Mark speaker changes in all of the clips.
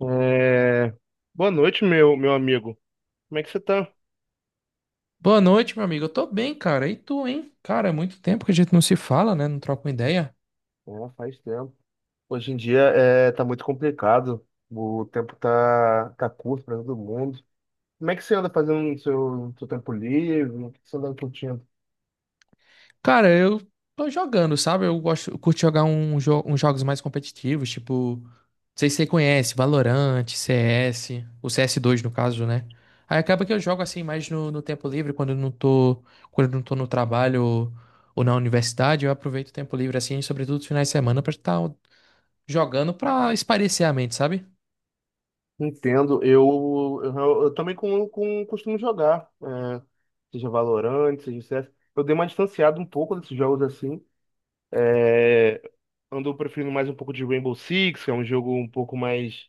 Speaker 1: É, boa noite, meu amigo. Como é que você tá?
Speaker 2: Boa noite, meu amigo. Eu tô bem, cara. E tu, hein? Cara, é muito tempo que a gente não se fala, né? Não troca uma ideia.
Speaker 1: É, faz tempo. Hoje em dia tá muito complicado. O tempo tá curto para todo mundo. Como é que você anda fazendo no seu, no seu tempo livre? O que você anda curtindo?
Speaker 2: Cara, eu tô jogando, sabe? Eu gosto, eu curto jogar uns jogos mais competitivos, tipo, não sei se você conhece, Valorant, CS, o CS2 no caso, né? Aí acaba que eu jogo assim mais no tempo livre, quando eu não tô no trabalho ou na universidade, eu aproveito o tempo livre assim, sobretudo os finais de semana pra estar jogando pra espairecer a mente, sabe?
Speaker 1: Entendo. Eu também costumo jogar. Seja Valorant, seja CS. Eu dei uma distanciada um pouco desses jogos assim. É, Ando preferindo mais um pouco de Rainbow Six, que é um jogo um pouco mais.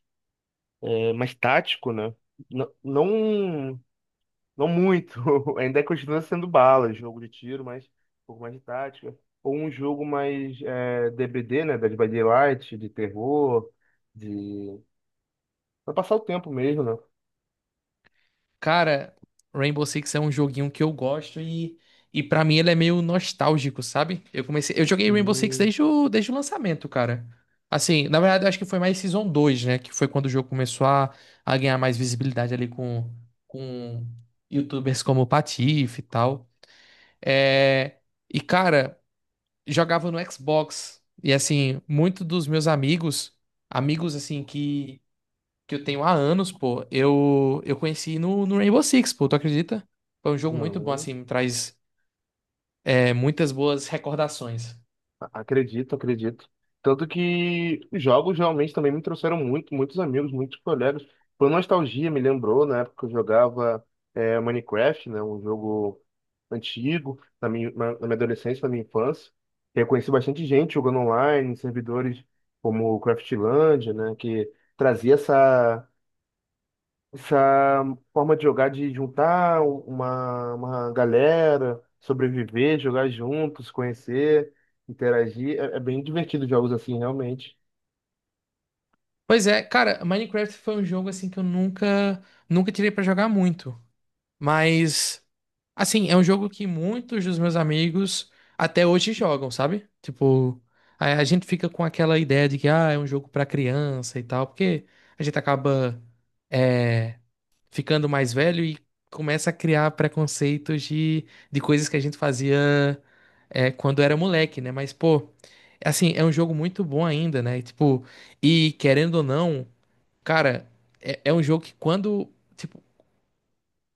Speaker 1: É mais tático, né? Não, não, não muito. Ainda continua sendo bala, jogo de tiro, mas um pouco mais de tática. Ou um jogo mais D, B D, né? Dead by Daylight, de terror, de... Pra passar o tempo mesmo, né?
Speaker 2: Cara, Rainbow Six é um joguinho que eu gosto e para mim ele é meio nostálgico, sabe? Eu comecei, eu joguei Rainbow Six
Speaker 1: Hum.
Speaker 2: desde o lançamento, cara. Assim, na verdade, eu acho que foi mais Season 2, né? Que foi quando o jogo começou a ganhar mais visibilidade ali com YouTubers como o Patife e tal. É, e, cara, jogava no Xbox. E, assim, muitos dos meus amigos, assim, que eu tenho há anos, pô, eu conheci no Rainbow Six, pô, tu acredita? Foi um jogo muito bom,
Speaker 1: Não.
Speaker 2: assim, me traz muitas boas recordações.
Speaker 1: Acredito, acredito. Tanto que os jogos realmente também me trouxeram muitos amigos, muitos colegas. Por nostalgia, me lembrou na época que eu jogava Minecraft, né, um jogo antigo, na na minha adolescência, na minha infância. Eu conheci bastante gente jogando online, em servidores como o Craftlandia, né, que trazia essa forma de jogar, de juntar uma galera, sobreviver, jogar juntos, conhecer, interagir, é, é bem divertido jogos assim, realmente.
Speaker 2: Pois é, cara, Minecraft foi um jogo assim que eu nunca tirei pra jogar muito. Mas, assim, é um jogo que muitos dos meus amigos até hoje jogam, sabe? Tipo, a gente fica com aquela ideia de que, ah, é um jogo pra criança e tal, porque a gente acaba é, ficando mais velho e começa a criar preconceitos de coisas que a gente fazia, quando era moleque, né? Mas, pô, assim, é um jogo muito bom ainda, né? Tipo, e querendo ou não, cara, é um jogo que quando, tipo,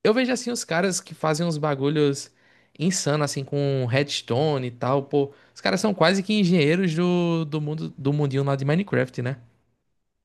Speaker 2: eu vejo assim os caras que fazem uns bagulhos insanos, assim, com redstone e tal, pô. Os caras são quase que engenheiros do mundo do mundinho lá de Minecraft, né?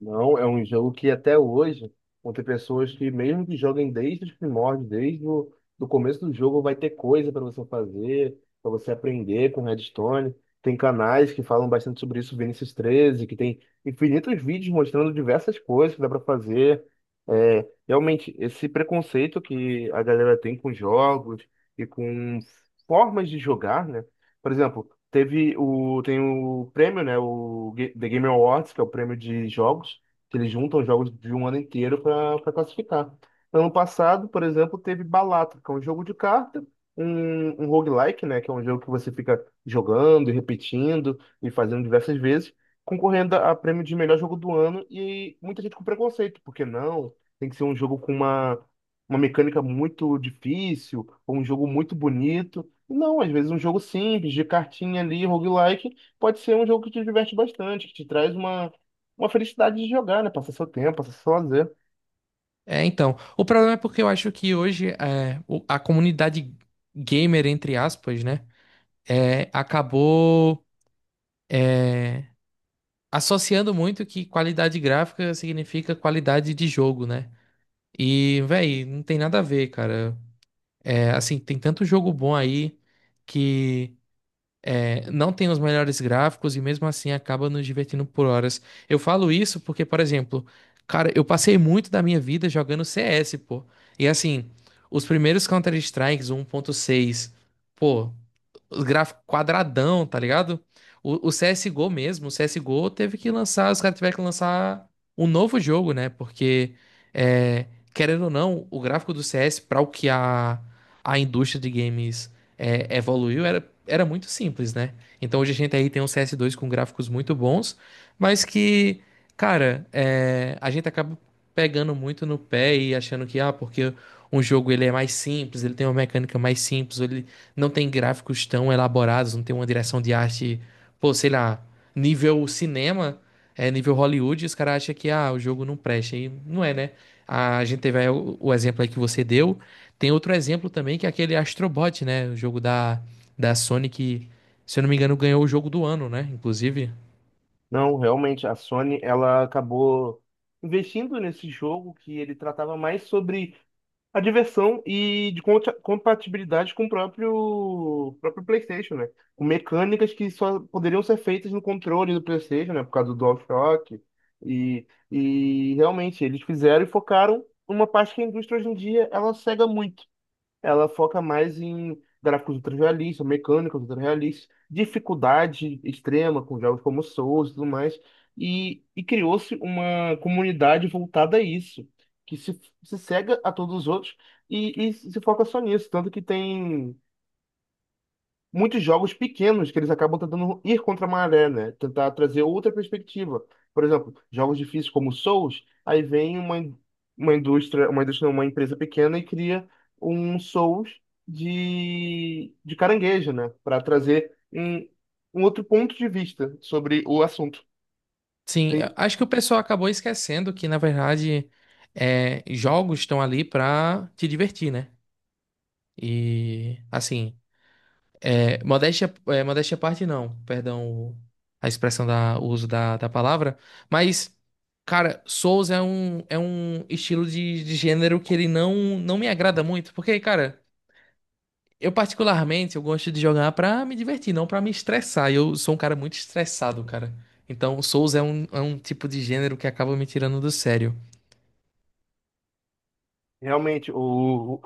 Speaker 1: Não, é um jogo que até hoje vão ter pessoas que, mesmo que joguem desde os primórdios, desde o do começo do jogo, vai ter coisa para você fazer, para você aprender com Redstone. Tem canais que falam bastante sobre isso, Vinícius 13, que tem infinitos vídeos mostrando diversas coisas que dá para fazer. É, realmente, esse preconceito que a galera tem com jogos e com formas de jogar, né? Por exemplo, tem o prêmio, né? O The Game Awards, que é o prêmio de jogos, que eles juntam jogos de um ano inteiro para classificar. Ano passado, por exemplo, teve Balatro, que é um jogo de carta, um roguelike, né? Que é um jogo que você fica jogando e repetindo e fazendo diversas vezes, concorrendo a prêmio de melhor jogo do ano e muita gente com preconceito, porque não? Tem que ser um jogo com uma mecânica muito difícil, ou um jogo muito bonito. Não, às vezes um jogo simples, de cartinha ali, roguelike, pode ser um jogo que te diverte bastante, que te traz uma felicidade de jogar, né? Passar seu tempo, passar seu lazer.
Speaker 2: É, então. O problema é porque eu acho que hoje a comunidade gamer, entre aspas, né? É, acabou é, associando muito que qualidade gráfica significa qualidade de jogo, né? E, véi, não tem nada a ver, cara. É, assim, tem tanto jogo bom aí que. É, não tem os melhores gráficos e mesmo assim acaba nos divertindo por horas. Eu falo isso porque, por exemplo, cara, eu passei muito da minha vida jogando CS, pô. E assim, os primeiros Counter-Strikes 1.6, pô, os gráficos quadradão, tá ligado? O CSGO mesmo, o CSGO teve que lançar, os caras tiveram que lançar um novo jogo, né? Porque, é, querendo ou não, o gráfico do CS, para o que a indústria de games, evoluiu, era muito simples, né? Então hoje a gente aí tem um CS2 com gráficos muito bons, mas que, cara, a gente acaba pegando muito no pé e achando que, ah, porque um jogo ele é mais simples, ele tem uma mecânica mais simples, ou ele não tem gráficos tão elaborados, não tem uma direção de arte, pô, sei lá, nível cinema, é nível Hollywood, e os caras acham que, ah, o jogo não presta. E não é, né? A gente teve aí o exemplo aí que você deu. Tem outro exemplo também, que é aquele Astrobot, né? O jogo da Sony que, se eu não me engano, ganhou o jogo do ano, né? Inclusive.
Speaker 1: Não, realmente, a Sony, ela acabou investindo nesse jogo que ele tratava mais sobre a diversão e de compatibilidade com o próprio PlayStation, né? Com mecânicas que só poderiam ser feitas no controle do PlayStation, né? Por causa do DualShock. E realmente, eles fizeram e focaram numa parte que a indústria hoje em dia ela cega muito, ela foca mais em gráficos ultra-realistas, mecânicas ultra-realistas, dificuldade extrema com jogos como Souls e tudo mais. E criou-se uma comunidade voltada a isso, que se cega a todos os outros e se foca só nisso. Tanto que tem muitos jogos pequenos que eles acabam tentando ir contra a maré, né? Tentar trazer outra perspectiva. Por exemplo, jogos difíceis como Souls, aí vem uma indústria, não, uma empresa pequena e cria um Souls de caranguejo, né? Para trazer um outro ponto de vista sobre o assunto.
Speaker 2: Sim, eu
Speaker 1: Tem,
Speaker 2: acho que o pessoal acabou esquecendo que, na verdade, jogos estão ali pra te divertir, né? E, assim, modéstia à parte, não. Perdão a expressão o uso da palavra. Mas, cara, Souls é um, estilo de gênero que ele não me agrada muito. Porque, cara, eu particularmente eu gosto de jogar pra me divertir, não pra me estressar. Eu sou um cara muito estressado, cara. Então, Souls é um, tipo de gênero que acaba me tirando do sério.
Speaker 1: realmente, o,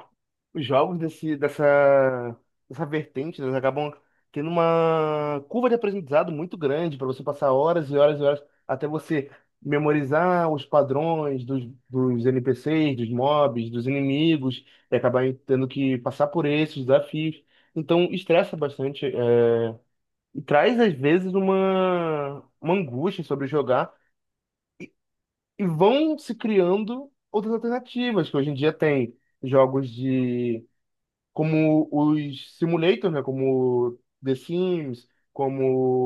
Speaker 1: os jogos dessa vertente, eles acabam tendo uma curva de aprendizado muito grande para você passar horas e horas e horas até você memorizar os padrões dos, dos NPCs, dos mobs, dos inimigos, e acabar tendo que passar por esses desafios. Então, estressa bastante, é, e traz às vezes uma angústia sobre jogar e vão se criando outras alternativas, que hoje em dia tem jogos de como os simulators, né, como The Sims, como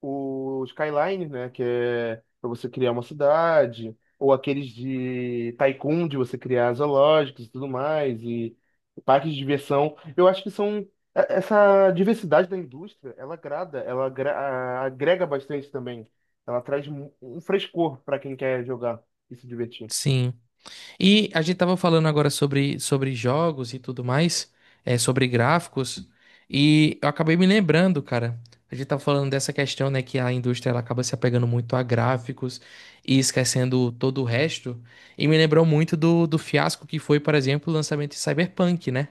Speaker 1: o Skyline, né, que é para você criar uma cidade, ou aqueles de Tycoon, de você criar zoológicos e tudo mais, e parques de diversão. Eu acho que são essa diversidade da indústria, ela agrada, ela agrega bastante também. Ela traz um um frescor para quem quer jogar e se divertir.
Speaker 2: Sim. E a gente tava falando agora sobre jogos e tudo mais, sobre gráficos, e eu acabei me lembrando, cara. A gente tava falando dessa questão, né, que a indústria ela acaba se apegando muito a gráficos e esquecendo todo o resto. E me lembrou muito do fiasco que foi, por exemplo, o lançamento de Cyberpunk, né?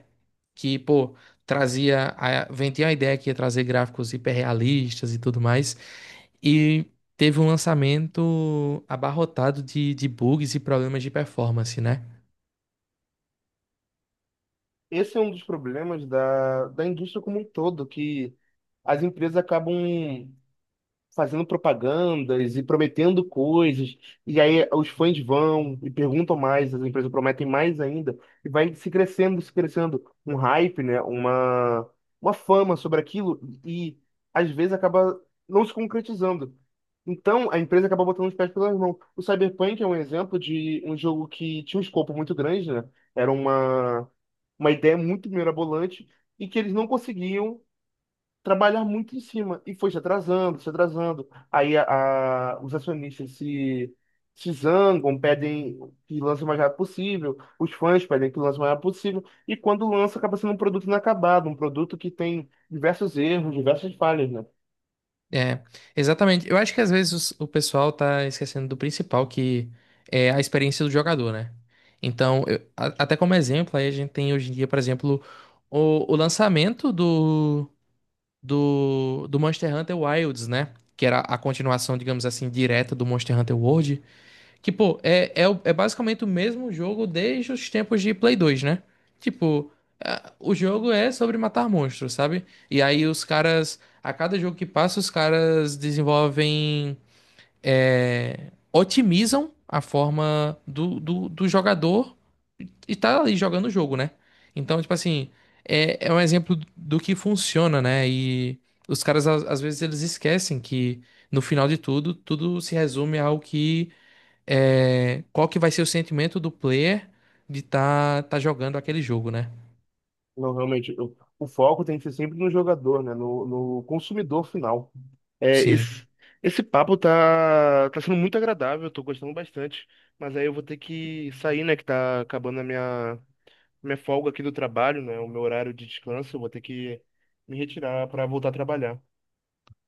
Speaker 2: Que, pô, vendia a ideia que ia trazer gráficos hiperrealistas e tudo mais. E teve um lançamento abarrotado de bugs e problemas de performance, né?
Speaker 1: Esse é um dos problemas da, da indústria como um todo, que as empresas acabam fazendo propagandas e prometendo coisas, e aí os fãs vão e perguntam mais, as empresas prometem mais ainda, e vai se crescendo, se crescendo, um hype, né? Uma fama sobre aquilo, e às vezes acaba não se concretizando. Então, a empresa acaba botando os pés pelas mãos. O Cyberpunk é um exemplo de um jogo que tinha um escopo muito grande, né? Era uma ideia muito mirabolante e que eles não conseguiam trabalhar muito em cima e foi se atrasando, se atrasando. Os acionistas se zangam, pedem que lance o mais rápido possível, os fãs pedem que lance o mais rápido possível, e quando lança, acaba sendo um produto inacabado, um produto que tem diversos erros, diversas falhas, né?
Speaker 2: É, exatamente. Eu acho que às vezes o pessoal tá esquecendo do principal, que é a experiência do jogador, né? Então, até como exemplo, aí a gente tem hoje em dia, por exemplo, o lançamento do Monster Hunter Wilds, né? Que era a continuação, digamos assim, direta do Monster Hunter World. Tipo, é basicamente o mesmo jogo desde os tempos de Play 2, né? Tipo, o jogo é sobre matar monstros, sabe? E aí os caras, a cada jogo que passa, os caras desenvolvem, otimizam a forma do jogador e tá ali jogando o jogo, né? Então, tipo assim, é um exemplo do que funciona, né? E os caras, às vezes, eles esquecem que no final de tudo, tudo se resume ao que qual que vai ser o sentimento do player de estar tá jogando aquele jogo, né?
Speaker 1: Não, realmente, o foco tem que ser sempre no jogador, né? No, no consumidor final. É,
Speaker 2: Sim.
Speaker 1: esse, Esse papo tá sendo muito agradável, tô gostando bastante. Mas aí eu vou ter que sair, né? Que tá acabando a minha, minha folga aqui do trabalho, né? O meu horário de descanso, eu vou ter que me retirar para voltar a trabalhar.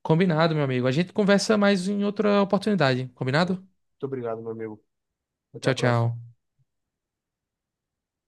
Speaker 2: Combinado, meu amigo. A gente conversa mais em outra oportunidade.
Speaker 1: Então,
Speaker 2: Combinado?
Speaker 1: muito obrigado, meu amigo. Até a
Speaker 2: Tchau,
Speaker 1: próxima.
Speaker 2: tchau.